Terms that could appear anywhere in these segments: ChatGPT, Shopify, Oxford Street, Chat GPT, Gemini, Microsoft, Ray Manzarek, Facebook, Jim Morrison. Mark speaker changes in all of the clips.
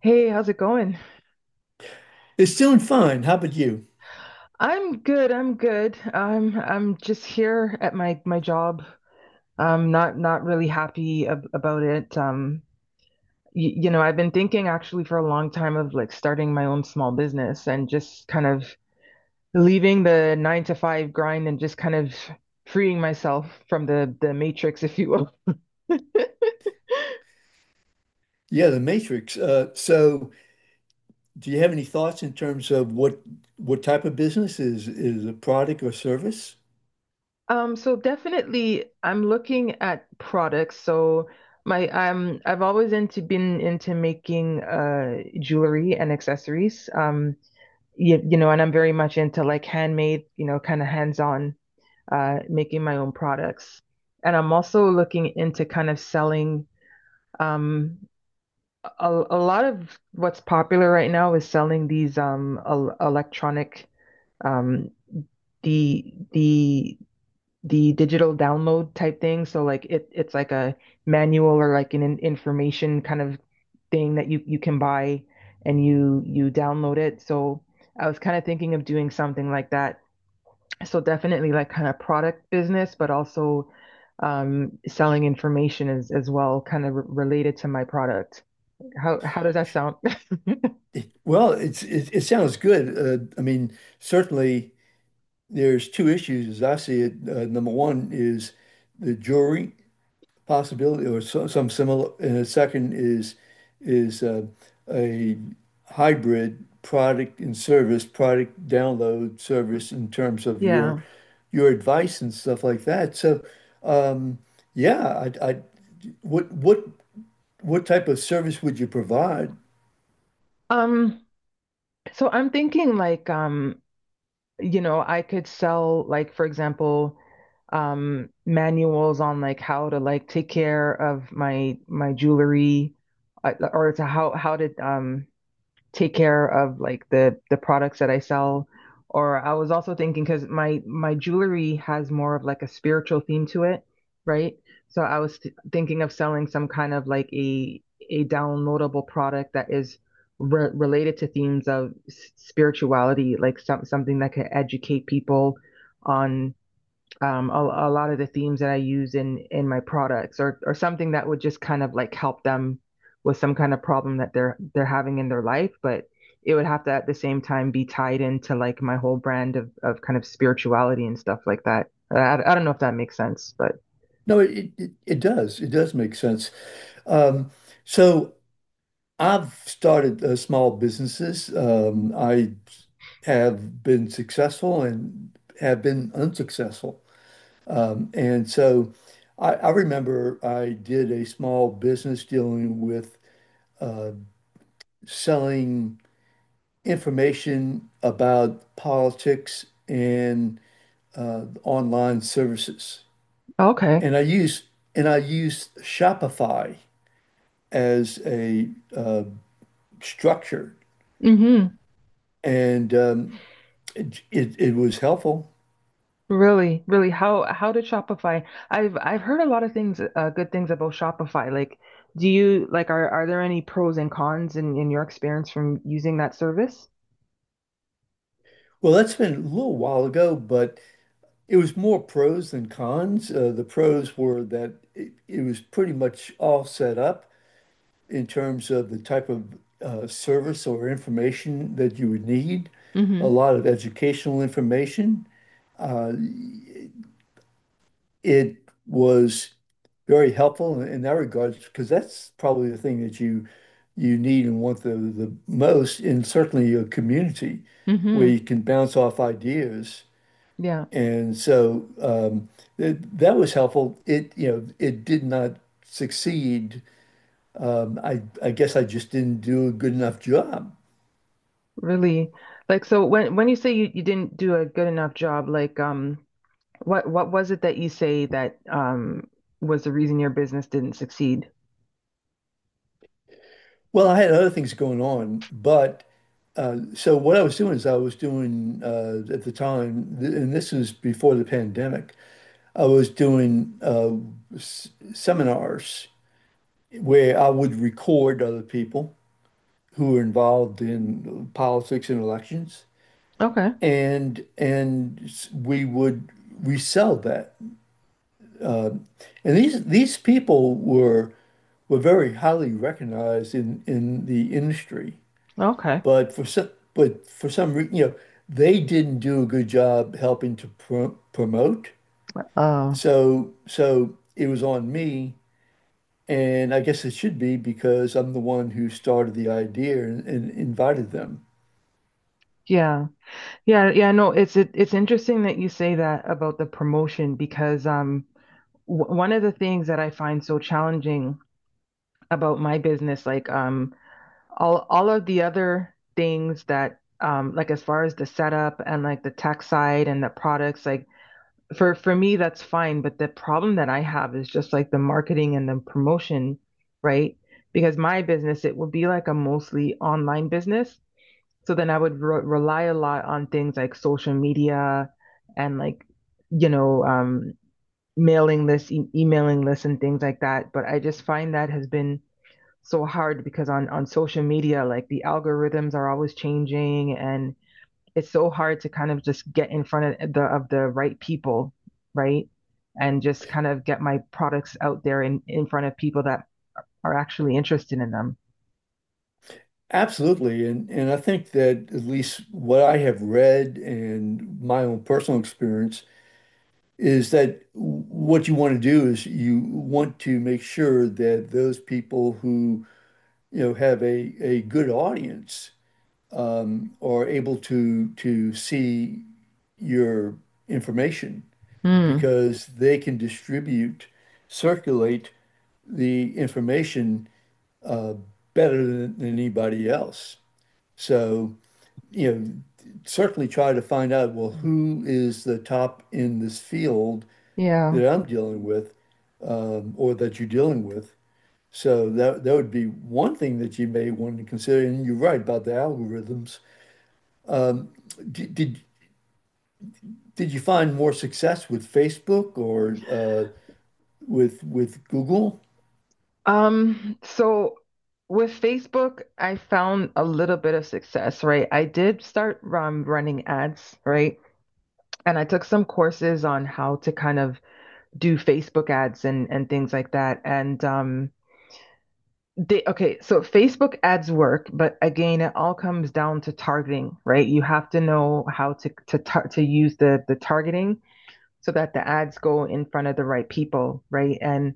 Speaker 1: Hey, how's it going?
Speaker 2: It's doing fine. How about you?
Speaker 1: I'm good. I'm good. I'm just here at my job. I'm not really happy ab about it. I've been thinking actually for a long time of like starting my own small business and just kind of leaving the nine to five grind and just kind of freeing myself from the matrix, if you will.
Speaker 2: Yeah, the Matrix. Do you have any thoughts in terms of what type of business is a product or service?
Speaker 1: So definitely I'm looking at products. So my I've always into been into making jewelry and accessories. And I'm very much into like handmade, you know, kind of hands-on making my own products. And I'm also looking into kind of selling um a lot of what's popular right now is selling these el electronic um the the the digital download type thing. So like it's like a manual or like an information kind of thing that you can buy and you download it. So I was kind of thinking of doing something like that. So definitely like kind of product business, but also selling information as well, kind of related to my product. How does that sound?
Speaker 2: Well, it sounds good. I mean, certainly there's two issues as I see it. Number one is the jury possibility or so, some similar. And a second is is uh, a hybrid product and service, product download service in terms of your
Speaker 1: Yeah.
Speaker 2: your advice and stuff like that. So, um, yeah, I what what what type of service would you provide?
Speaker 1: Um, so I'm thinking like you know, I could sell like, for example, manuals on like how to like take care of my jewelry, or to how to take care of like the products that I sell. Or I was also thinking because my jewelry has more of like a spiritual theme to it, right? So I was thinking of selling some kind of like a downloadable product that is related to themes of spirituality, like something that could educate people on a lot of the themes that I use in my products or something that would just kind of like help them with some kind of problem that they're having in their life, but it would have to at the same time be tied into like my whole brand of kind of spirituality and stuff like that. I don't know if that makes sense, but
Speaker 2: No, it does. It does make sense. Um, so I've started small businesses. I have been successful and have been unsuccessful. And so I remember I did a small business dealing with uh, selling information about politics and online services.
Speaker 1: okay.
Speaker 2: And I used Shopify as a uh, structure.
Speaker 1: Mm-hmm.
Speaker 2: And It, it it was helpful.
Speaker 1: Really, really, how did Shopify? I've heard a lot of things, good things about Shopify. Like, do you like are there any pros and cons in your experience from using that service?
Speaker 2: Well, that's been a little while ago, but it was more pros than cons. The pros were that it was pretty much all set up in terms of the type of service or information that you would need, a
Speaker 1: Mm-hmm.
Speaker 2: lot of educational information. Uh, it was very helpful in that regard because that's probably the thing that you need and want the most in certainly your community where
Speaker 1: Mm-hmm.
Speaker 2: you can bounce off ideas.
Speaker 1: Yeah.
Speaker 2: And so th that was helpful. It, you know, it did not succeed. I guess I just didn't do a good enough job.
Speaker 1: Really? Like so when you say you didn't do a good enough job, like what was it that you say that was the reason your business didn't succeed?
Speaker 2: Well, I had other things going on, but so what I was doing is I was doing at the time, th and this was before the pandemic, I was doing s seminars where I would record other people who were involved in politics and elections.
Speaker 1: Okay.
Speaker 2: And we would resell that. And these people were very highly recognized in the industry,
Speaker 1: Okay.
Speaker 2: but for some reason, you know, they didn't do a good job helping to promote.
Speaker 1: Oh.
Speaker 2: So it was on me, and I guess it should be because I'm the one who started the idea and invited them.
Speaker 1: Yeah. Yeah, yeah, no, it's interesting that you say that about the promotion because w one of the things that I find so challenging about my business like all of the other things that like as far as the setup and like the tech side and the products like for me that's fine, but the problem that I have is just like the marketing and the promotion, right? Because my business, it would be like a mostly online business. So then I would rely a lot on things like social media and like you know mailing lists, emailing lists and things like that, but I just find that has been so hard because on social media like the algorithms are always changing, and it's so hard to kind of just get in front of the right people, right? And just kind of get my products out there in front of people that are actually interested in them.
Speaker 2: Absolutely. And I think that at least what I have read and my own personal experience is that what you want to do is you want to make sure that those people who, you know, have a good audience are able to see your information
Speaker 1: Mm,
Speaker 2: because they can distribute, circulate the information uh, better than anybody else. So you know, certainly try to find out, well, who is the top in this field
Speaker 1: yeah.
Speaker 2: that I'm dealing with, or that you're dealing with. So that would be one thing that you may want to consider. And you're right about the algorithms. Did did, did you find more success with Facebook or with Google?
Speaker 1: So with Facebook, I found a little bit of success, right? I did start running ads, right? And I took some courses on how to kind of do Facebook ads and things like that. And they okay, so Facebook ads work, but again, it all comes down to targeting, right? You have to know how to tar to use the targeting so that the ads go in front of the right people, right? And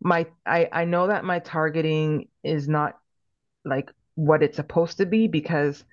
Speaker 1: my I know that my targeting is not like what it's supposed to be, because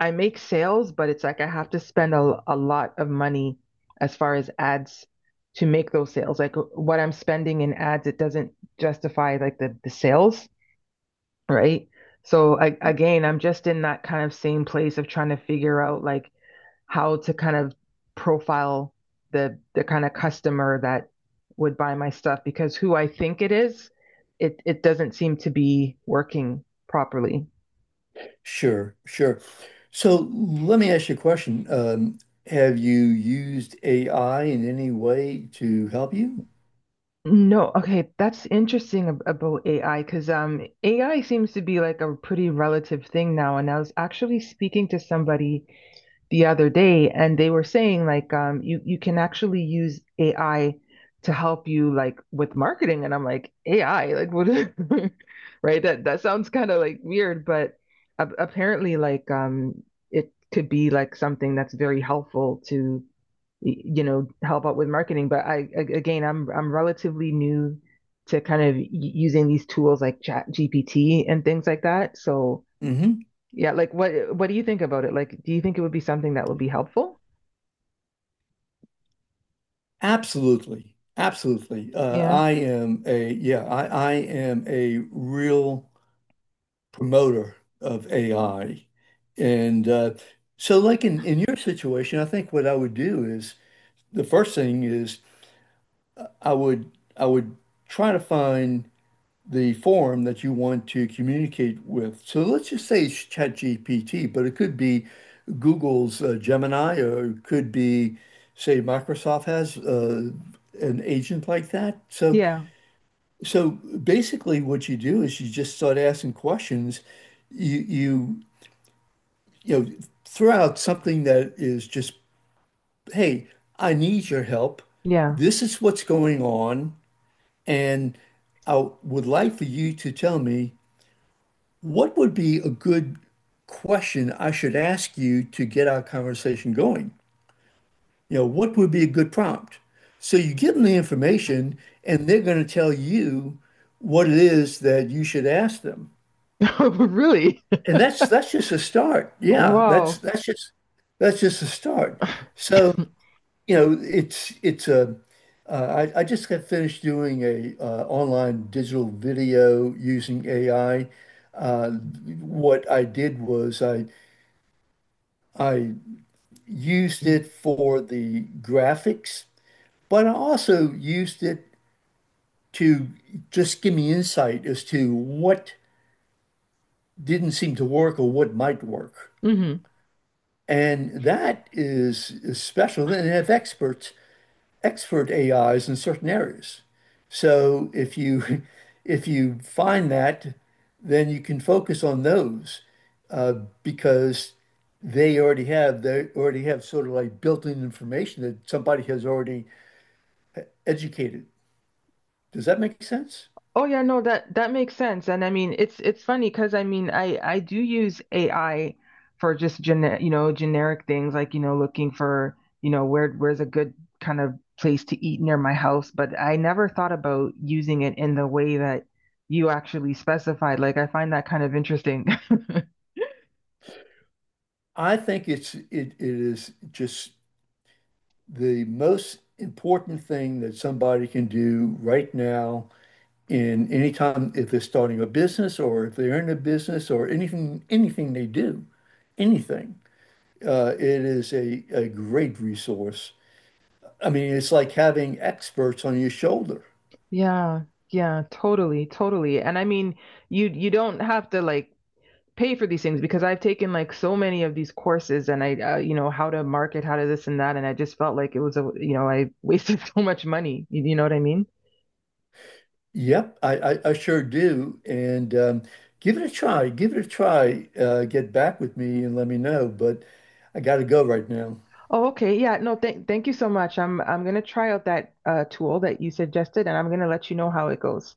Speaker 1: I make sales, but it's like I have to spend a lot of money as far as ads to make those sales. Like what I'm spending in ads, it doesn't justify like the sales, right? So I, again, I'm just in that kind of same place of trying to figure out like how to kind of profile the kind of customer that would buy my stuff, because who I think it is, it doesn't seem to be working properly.
Speaker 2: Sure, sure. So let me ask you a question. Have you used AI in any way to help you?
Speaker 1: No, okay, that's interesting about AI, because AI seems to be like a pretty relative thing now. And I was actually speaking to somebody the other day, and they were saying like you can actually use AI to help you like with marketing, and I'm like AI like what is right, that that sounds kind of like weird, but a apparently like it could be like something that's very helpful to you know help out with marketing. But I again I'm relatively new to kind of using these tools like Chat GPT and things like that, so.
Speaker 2: Hmm.
Speaker 1: Yeah, like what do you think about it? Like, do you think it would be something that would be helpful?
Speaker 2: Absolutely. Absolutely. Uh,
Speaker 1: Yeah.
Speaker 2: I am a yeah, I, I am a real promoter of AI. And so like in your situation, I think what I would do is the first thing is I would I would try to find the forum that you want to communicate with. So let's just say it's ChatGPT, but it could be Google's Gemini or it could be say Microsoft has an agent like that. So
Speaker 1: Yeah.
Speaker 2: Basically, what you do is you just start asking questions. You you you know, throw out something that is just, hey, I need your help.
Speaker 1: Yeah.
Speaker 2: This is what's going on, and I would like for you to tell me what would be a good question I should ask you to get our conversation going. You know, what would be a good prompt? So you give them the information, and they're going to tell you what it is that you should ask them.
Speaker 1: Really?
Speaker 2: And that's just a start. Yeah,
Speaker 1: Wow.
Speaker 2: that's just a start. So, you know, it's a I just got finished doing a online digital video using AI. Uh, what I did was I used it for the graphics, but I also used it to just give me insight as to what didn't seem to work or what might work.
Speaker 1: Hmm.
Speaker 2: And that is special. Then they have experts, expert AIs in certain areas. So if you if you find that, then you can focus on those uh, because they already have sort of like built-in information that somebody has already educated. Does that make sense?
Speaker 1: Oh yeah, no, that makes sense. And I mean, it's funny because I mean, I do use AI for just gene you know, generic things like, you know, looking for, you know, where's a good kind of place to eat near my house, but I never thought about using it in the way that you actually specified. Like, I find that kind of interesting.
Speaker 2: I think it is just the most important thing that somebody can do right now in any time if they're starting a business or if they're in a business or anything, anything they do, anything. It is a great resource. I mean, it's like having experts on your shoulder.
Speaker 1: Yeah, yeah, totally, totally. And I mean, you don't have to like pay for these things because I've taken like so many of these courses, and I you know how to market, how to this and that, and I just felt like it was a I wasted so much money. You know what I mean?
Speaker 2: Yep, I sure do. And Give it a try. Give it a try. Get back with me and let me know. But I got to go right now.
Speaker 1: Oh, okay. Yeah, no, thank you so much. I'm gonna try out that tool that you suggested, and I'm gonna let you know how it goes.